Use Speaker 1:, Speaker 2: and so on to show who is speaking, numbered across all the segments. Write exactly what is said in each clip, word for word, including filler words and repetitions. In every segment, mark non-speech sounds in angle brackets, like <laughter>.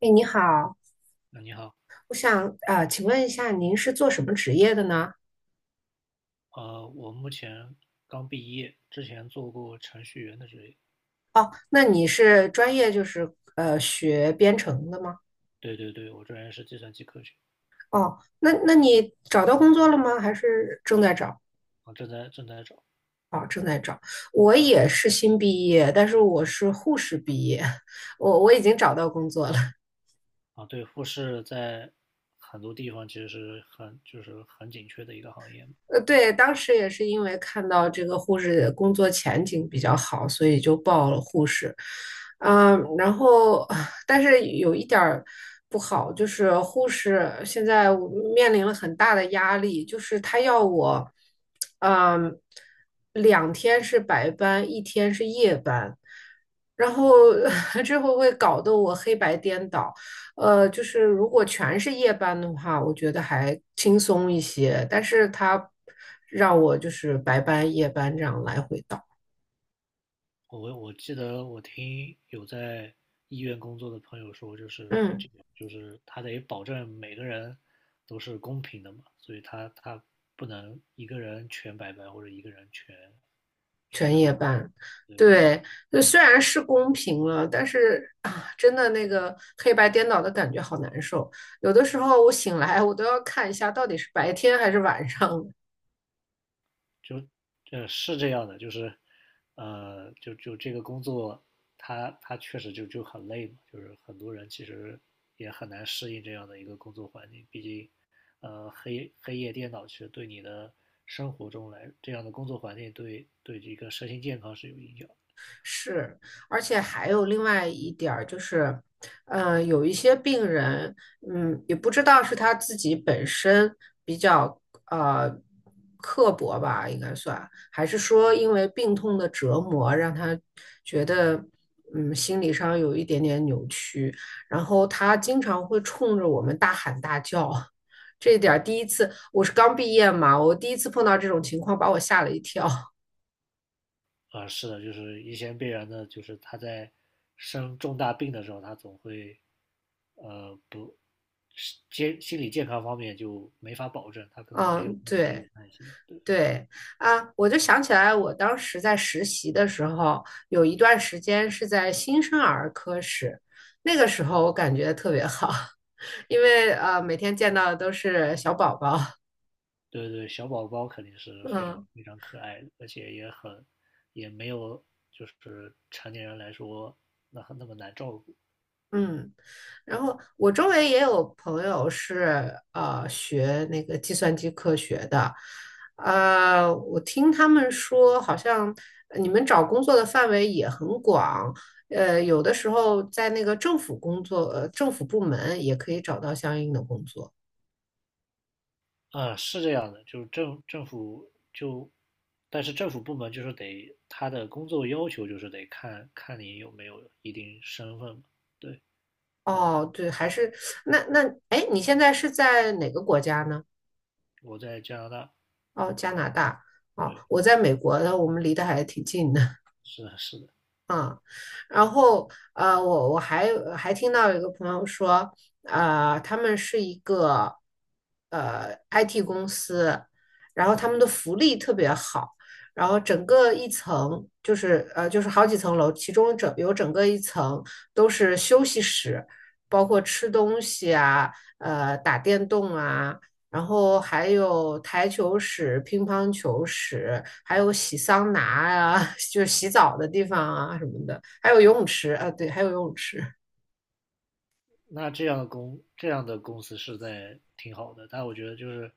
Speaker 1: 哎，你好，
Speaker 2: 那你好。
Speaker 1: 我想啊，请问一下，您是做什么职业的呢？
Speaker 2: 呃，我目前刚毕业，之前做过程序员的职业。
Speaker 1: 哦，那你是专业就是呃学编程的吗？
Speaker 2: 对对对，我专业是计算机科学。
Speaker 1: 哦，那那你找到工作了吗？还是正在找？
Speaker 2: 啊，正在正在找。
Speaker 1: 哦，正在找。我
Speaker 2: 啊
Speaker 1: 也是新毕业，但是我是护士毕业，<laughs> 我我已经找到工作了。
Speaker 2: 啊，对，护士在很多地方其实是很就是很紧缺的一个行业。
Speaker 1: 呃，对，当时也是因为看到这个护士工作前景比较好，所以就报了护士。嗯，然后但是有一点儿不好，就是护士现在我面临了很大的压力，就是他要我，嗯，两天是白班，一天是夜班，然后 <laughs> 这会会搞得我黑白颠倒。呃，就是如果全是夜班的话，我觉得还轻松一些，但是他让我就是白班、夜班这样来回倒，
Speaker 2: 我我记得我听有在医院工作的朋友说，就是
Speaker 1: 嗯，
Speaker 2: 这个就是他得保证每个人都是公平的嘛，所以他他不能一个人全白白，或者一个人全
Speaker 1: 全
Speaker 2: 全
Speaker 1: 夜
Speaker 2: 完满。
Speaker 1: 班，
Speaker 2: 对对，
Speaker 1: 对，就虽然是公平了，但是啊，真的那个黑白颠倒的感觉好难受，有的时候我醒来我都要看一下到底是白天还是晚上，
Speaker 2: 就呃是这样的，就是呃就就这个工作，他他确实就就很累嘛，就是很多人其实也很难适应这样的一个工作环境，毕竟呃黑黑夜电脑其实对你的生活中来这样的工作环境对对这个身心健康是有影响。
Speaker 1: 是，而且还有另外一点儿就是，呃，有一些病人，嗯，也不知道是他自己本身比较呃刻薄吧，应该算，还是说因为病痛的折磨让他觉得，嗯，心理上有一点点扭曲，然后他经常会冲着我们大喊大叫。这一点儿第一次，我是刚毕业嘛，我第一次碰到这种情况，把我吓了一跳。
Speaker 2: 啊，是的，就是一些病人呢，就是他在生重大病的时候，他总会，呃，不，是健心理健康方面就没法保证，他
Speaker 1: <laughs>
Speaker 2: 可能没有
Speaker 1: 嗯，
Speaker 2: 那么的
Speaker 1: 对。
Speaker 2: 有耐心。对
Speaker 1: 对啊，我就想起来，我当时在实习的时候，有一段时间是在新生儿科室，那个时候我感觉特别好，<laughs> 因为呃每天见到的都是小宝宝，
Speaker 2: 对对，小宝宝肯定是
Speaker 1: <laughs>
Speaker 2: 非常
Speaker 1: 嗯。
Speaker 2: 非常可爱的，而且也很，也没有就是成年人来说那很那么难照顾。
Speaker 1: 嗯，然后我周围也有朋友是呃学那个计算机科学的，呃，我听他们说，好像呃你们找工作的范围也很广，呃，有的时候在那个政府工作，呃，政府部门也可以找到相应的工作。
Speaker 2: 呃，是这样的，就是政政府就，但是政府部门就是得他的工作要求就是得看看你有没有一定身份嘛。对。嗯，
Speaker 1: 哦，对，还是那那哎，你现在是在哪个国家呢？
Speaker 2: 我在加拿大。
Speaker 1: 哦，加拿大。哦，
Speaker 2: 对，
Speaker 1: 我在美国的，我们离得还挺近的。
Speaker 2: 是的，是的。
Speaker 1: 啊，然后呃，我我还还听到有一个朋友说，呃，他们是一个呃 I T 公司，然后他们的福利特别好，然后整个一层就是呃就是好几层楼，其中整有整个一层都是休息室，包括吃东西啊，呃打电动啊，然后还有台球室、乒乓球室，还有洗桑拿啊，<laughs> 就是洗澡的地方啊什么的，还有游泳池啊，对，还有游泳池，
Speaker 2: 那这样的公这样的公司是在挺好的，但我觉得就是，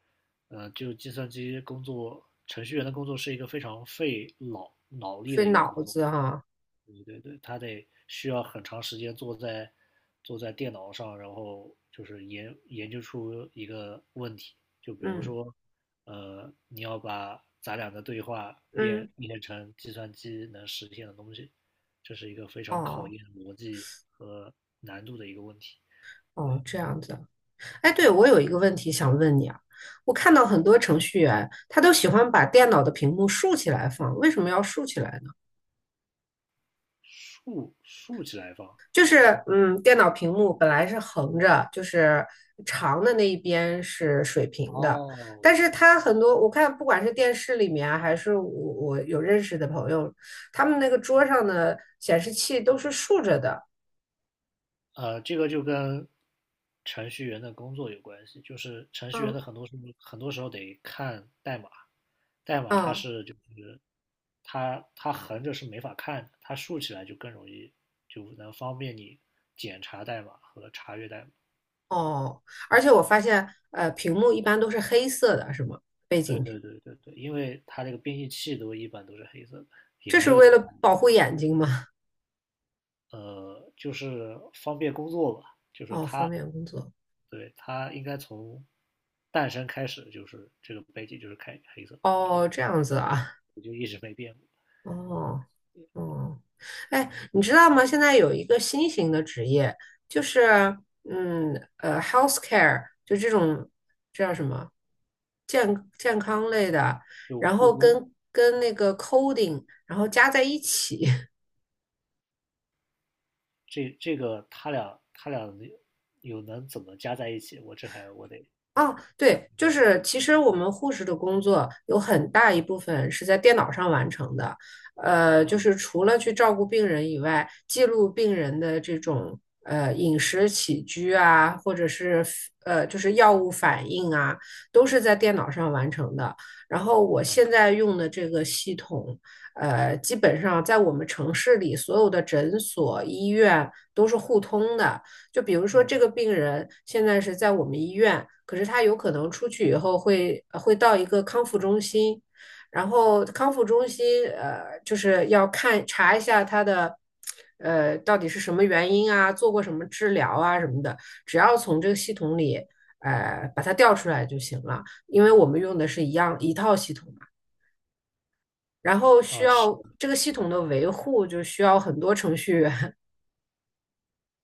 Speaker 2: 呃，就计算机工作程序员的工作是一个非常费脑脑力
Speaker 1: 费
Speaker 2: 的一个
Speaker 1: 脑
Speaker 2: 工作。
Speaker 1: 子哈、
Speaker 2: 对对对，他得需要很长时间坐在坐在电脑上，然后就是研研究出一个问题，就比如
Speaker 1: 嗯
Speaker 2: 说，呃，你要把咱俩的对话变
Speaker 1: 嗯，
Speaker 2: 变成计算机能实现的东西，这是一个非常考
Speaker 1: 哦
Speaker 2: 验逻辑和难度的一个问题。
Speaker 1: 哦，
Speaker 2: 对，
Speaker 1: 这样子。哎，对，我有一个问题想问你啊，我看到很多程序员他都喜欢把电脑的屏幕竖起来放，为什么要竖起来
Speaker 2: 竖竖起来放。
Speaker 1: 就是嗯，电脑屏幕本来是横着，就是长的那一边是水平的，
Speaker 2: 哦，
Speaker 1: 但是它很多我看不管是电视里面啊还是我我有认识的朋友，他们那个桌上的显示器都是竖着的，
Speaker 2: 呃，这个就跟程序员的工作有关系，就是程序员
Speaker 1: 嗯
Speaker 2: 的很多时候很多时候得看代码，代码它
Speaker 1: 嗯
Speaker 2: 是就是它它横着是没法看的，它竖起来就更容易，就能方便你检查代码和查阅代码。
Speaker 1: 哦，而且我发现呃屏幕一般都是黑色的，是吗？背
Speaker 2: 对
Speaker 1: 景屏，
Speaker 2: 对对对对，因为它这个编译器都一般都是黑色的，也
Speaker 1: 这
Speaker 2: 没
Speaker 1: 是
Speaker 2: 有
Speaker 1: 为
Speaker 2: 其他
Speaker 1: 了
Speaker 2: 的。
Speaker 1: 保护眼睛吗？
Speaker 2: 呃，就是方便工作吧，就
Speaker 1: <laughs>
Speaker 2: 是
Speaker 1: 哦，方
Speaker 2: 它。
Speaker 1: 便工作。
Speaker 2: 对，它应该从诞生开始就是这个背景就是开黑色的，就
Speaker 1: 哦，
Speaker 2: 是
Speaker 1: 这样子啊。
Speaker 2: 我就一直没变过。
Speaker 1: 哦。嗯，哎，你知道吗？现在有一个新型的职业，就是嗯呃，healthcare，就这种这叫什么健健康类的，
Speaker 2: 就
Speaker 1: 然
Speaker 2: 故
Speaker 1: 后
Speaker 2: 宫，
Speaker 1: 跟跟那个 coding，然后加在一起，<laughs>
Speaker 2: 这这个他俩他俩能有能怎么加在一起，我这还我得
Speaker 1: 啊，
Speaker 2: 想
Speaker 1: 对，
Speaker 2: 这
Speaker 1: 就
Speaker 2: 样的
Speaker 1: 是
Speaker 2: 故
Speaker 1: 其
Speaker 2: 事。
Speaker 1: 实我们护士的工作有很大一部分是在电脑上完成的，呃，就是
Speaker 2: 啊
Speaker 1: 除了去照顾病人以外，记录病人的这种呃饮食起居啊，或者是呃就是药物反应啊，都是在电脑上完成的。然后我现
Speaker 2: 啊，
Speaker 1: 在用的这个系统，呃，基本上在我们城市里所有的诊所、医院都是互通的，就比如说这个
Speaker 2: 嗯，
Speaker 1: 病人现在是在我们医院，可是他有可能出去以后会会到一个康复中心，然后康复中心呃就是要看查一下他的呃到底是什么原因啊，做过什么治疗啊什么的，只要从这个系统里呃把它调出来就行了，因为我们用的是一样一套系统嘛。然后需
Speaker 2: 啊，是
Speaker 1: 要
Speaker 2: 的。
Speaker 1: 这个系统的维护，就需要很多程序员。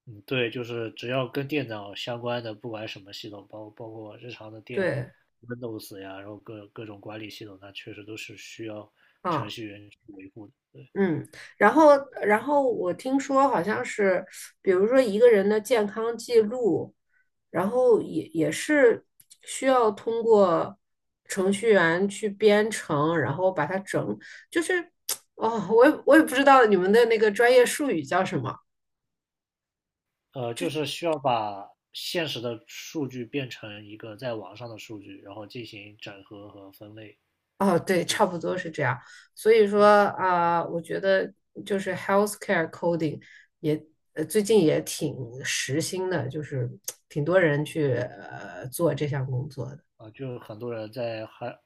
Speaker 2: 嗯，对，就是只要跟电脑相关的，不管什么系统，包包括日常的
Speaker 1: <laughs>
Speaker 2: 电
Speaker 1: 对，
Speaker 2: Windows 呀，然后各各种管理系统，它确实都是需要程
Speaker 1: 啊、
Speaker 2: 序员去维护的。对。
Speaker 1: 嗯，然后，然后我听说好像是，比如说一个人的健康记录，然后也也是需要通过程序员去编程，然后把它整，就是，<tsk> 哦，我也我也不知道你们的那个专业术语叫什么。
Speaker 2: 呃，就是需要把现实的数据变成一个在网上的数据，然后进行整合和分类。
Speaker 1: 哦，对，差不多是这样。所以说啊、我觉得就是 healthcare coding 也呃最近也挺时兴的，就是挺多人去呃做这项工作的。
Speaker 2: 啊，就很多人在 health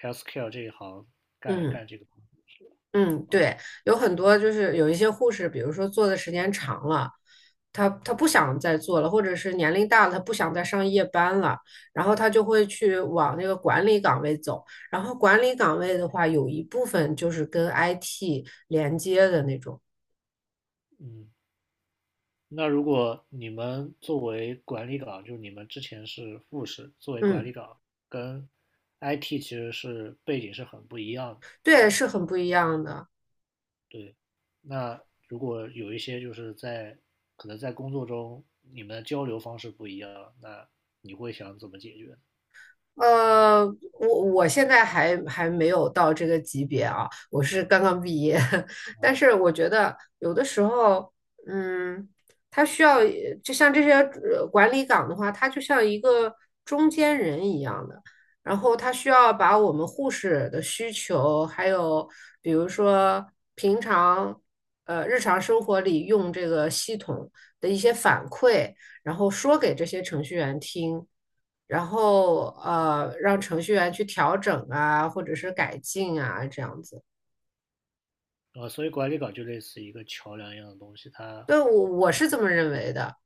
Speaker 2: healthcare 这一行干
Speaker 1: 嗯
Speaker 2: 干这个工作。
Speaker 1: 嗯，
Speaker 2: 啊。呃
Speaker 1: 对，有很多就是有一些护士，比如说做的时间长了，他他不想再做了，或者是年龄大了，他不想再上夜班了，然后他就会去往那个管理岗位走。然后管理岗位的话，有一部分就是跟 I T 连接的那种。
Speaker 2: 嗯。那如果你们作为管理岗，就是你们之前是护士，作为管
Speaker 1: 嗯，
Speaker 2: 理岗跟 I T 其实是背景是很不一样的。
Speaker 1: 对，是很不一样的。
Speaker 2: 对。那如果有一些就是在可能在工作中你们的交流方式不一样，那你会想怎么解决
Speaker 1: 呃，我我现在还还没有到这个级别啊，我是刚刚毕业，<laughs> 但
Speaker 2: 啊？
Speaker 1: 是我觉得有的时候，嗯，它需要就像这些呃管理岗的话，它就像一个中间人一样的，然后它需要把我们护士的需求，还有比如说平常呃日常生活里用这个系统的一些反馈，然后说给这些程序员听。然后呃，让程序员去调整啊，或者是改进啊，这样子。
Speaker 2: 呃，所以管理岗就类似一个桥梁一样的东西，它
Speaker 1: 对，我我是这么认为的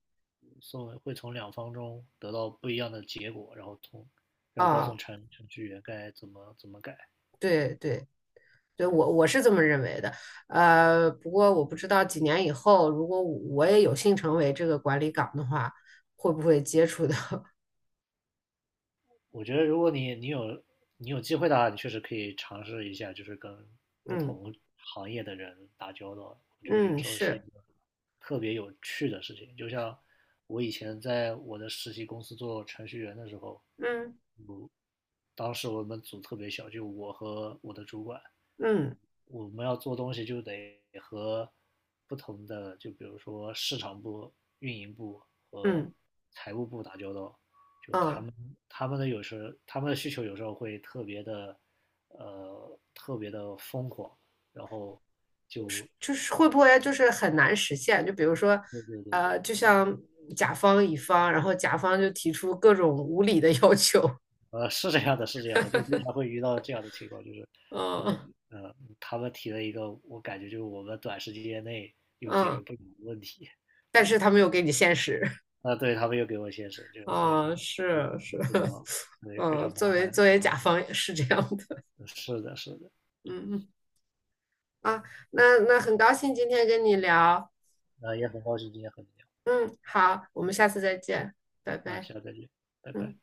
Speaker 2: 送会从两方中得到不一样的结果，然后从然后告诉
Speaker 1: 啊，
Speaker 2: 程程序员该怎么怎么改
Speaker 1: 对
Speaker 2: 啊。
Speaker 1: 对对，我我是这么认为的。呃，不过我不知道几年以后，如果我也有幸成为这个管理岗的话，会不会接触到？<laughs>
Speaker 2: 我觉得如果你你有你有机会的话，你确实可以尝试一下，就是跟不
Speaker 1: 嗯
Speaker 2: 同行业的人打交道。我觉得有
Speaker 1: 嗯，
Speaker 2: 时候是一
Speaker 1: 是，
Speaker 2: 个特别有趣的事情。就像我以前在我的实习公司做程序员的时候，
Speaker 1: 嗯
Speaker 2: 我当时我们组特别小，就我和我的主管，
Speaker 1: 嗯
Speaker 2: 我们要做东西就得和不同的，就比如说市场部、运营部和
Speaker 1: 嗯
Speaker 2: 财务部打交道。就他
Speaker 1: 嗯。
Speaker 2: 们他们的有时他们的需求有时候会特别的，呃，特别的疯狂，然后就。
Speaker 1: 就是会不会就是很难实现？就比如说，
Speaker 2: 对对对对，
Speaker 1: 呃，就像甲方乙方，然后甲方就提出各种无理的 <laughs> 要求，
Speaker 2: 呃，是这样的，是这样的，就经常会遇到这样的情况，就是，呃
Speaker 1: 嗯
Speaker 2: 呃，他们提了一个，我感觉就是我们短时间内又解
Speaker 1: 嗯，
Speaker 2: 决不了的问题。
Speaker 1: 但是
Speaker 2: 对，
Speaker 1: 他没有给你现实，
Speaker 2: 啊，对，他们又给我解释，就，对，
Speaker 1: 啊、
Speaker 2: 就
Speaker 1: 是是，
Speaker 2: 非常，
Speaker 1: <laughs>
Speaker 2: 对，非
Speaker 1: 嗯，
Speaker 2: 常
Speaker 1: 作
Speaker 2: 麻
Speaker 1: 为
Speaker 2: 烦
Speaker 1: 作为
Speaker 2: 麻
Speaker 1: 甲
Speaker 2: 烦，
Speaker 1: 方也是这样的，
Speaker 2: 是的，是的。
Speaker 1: 嗯嗯啊，那那很高兴今天跟你聊，
Speaker 2: 啊，也很高兴今天和你
Speaker 1: 嗯，好，我们下次再见，拜
Speaker 2: 聊，啊，
Speaker 1: 拜，
Speaker 2: 下次再见，拜拜。
Speaker 1: 嗯。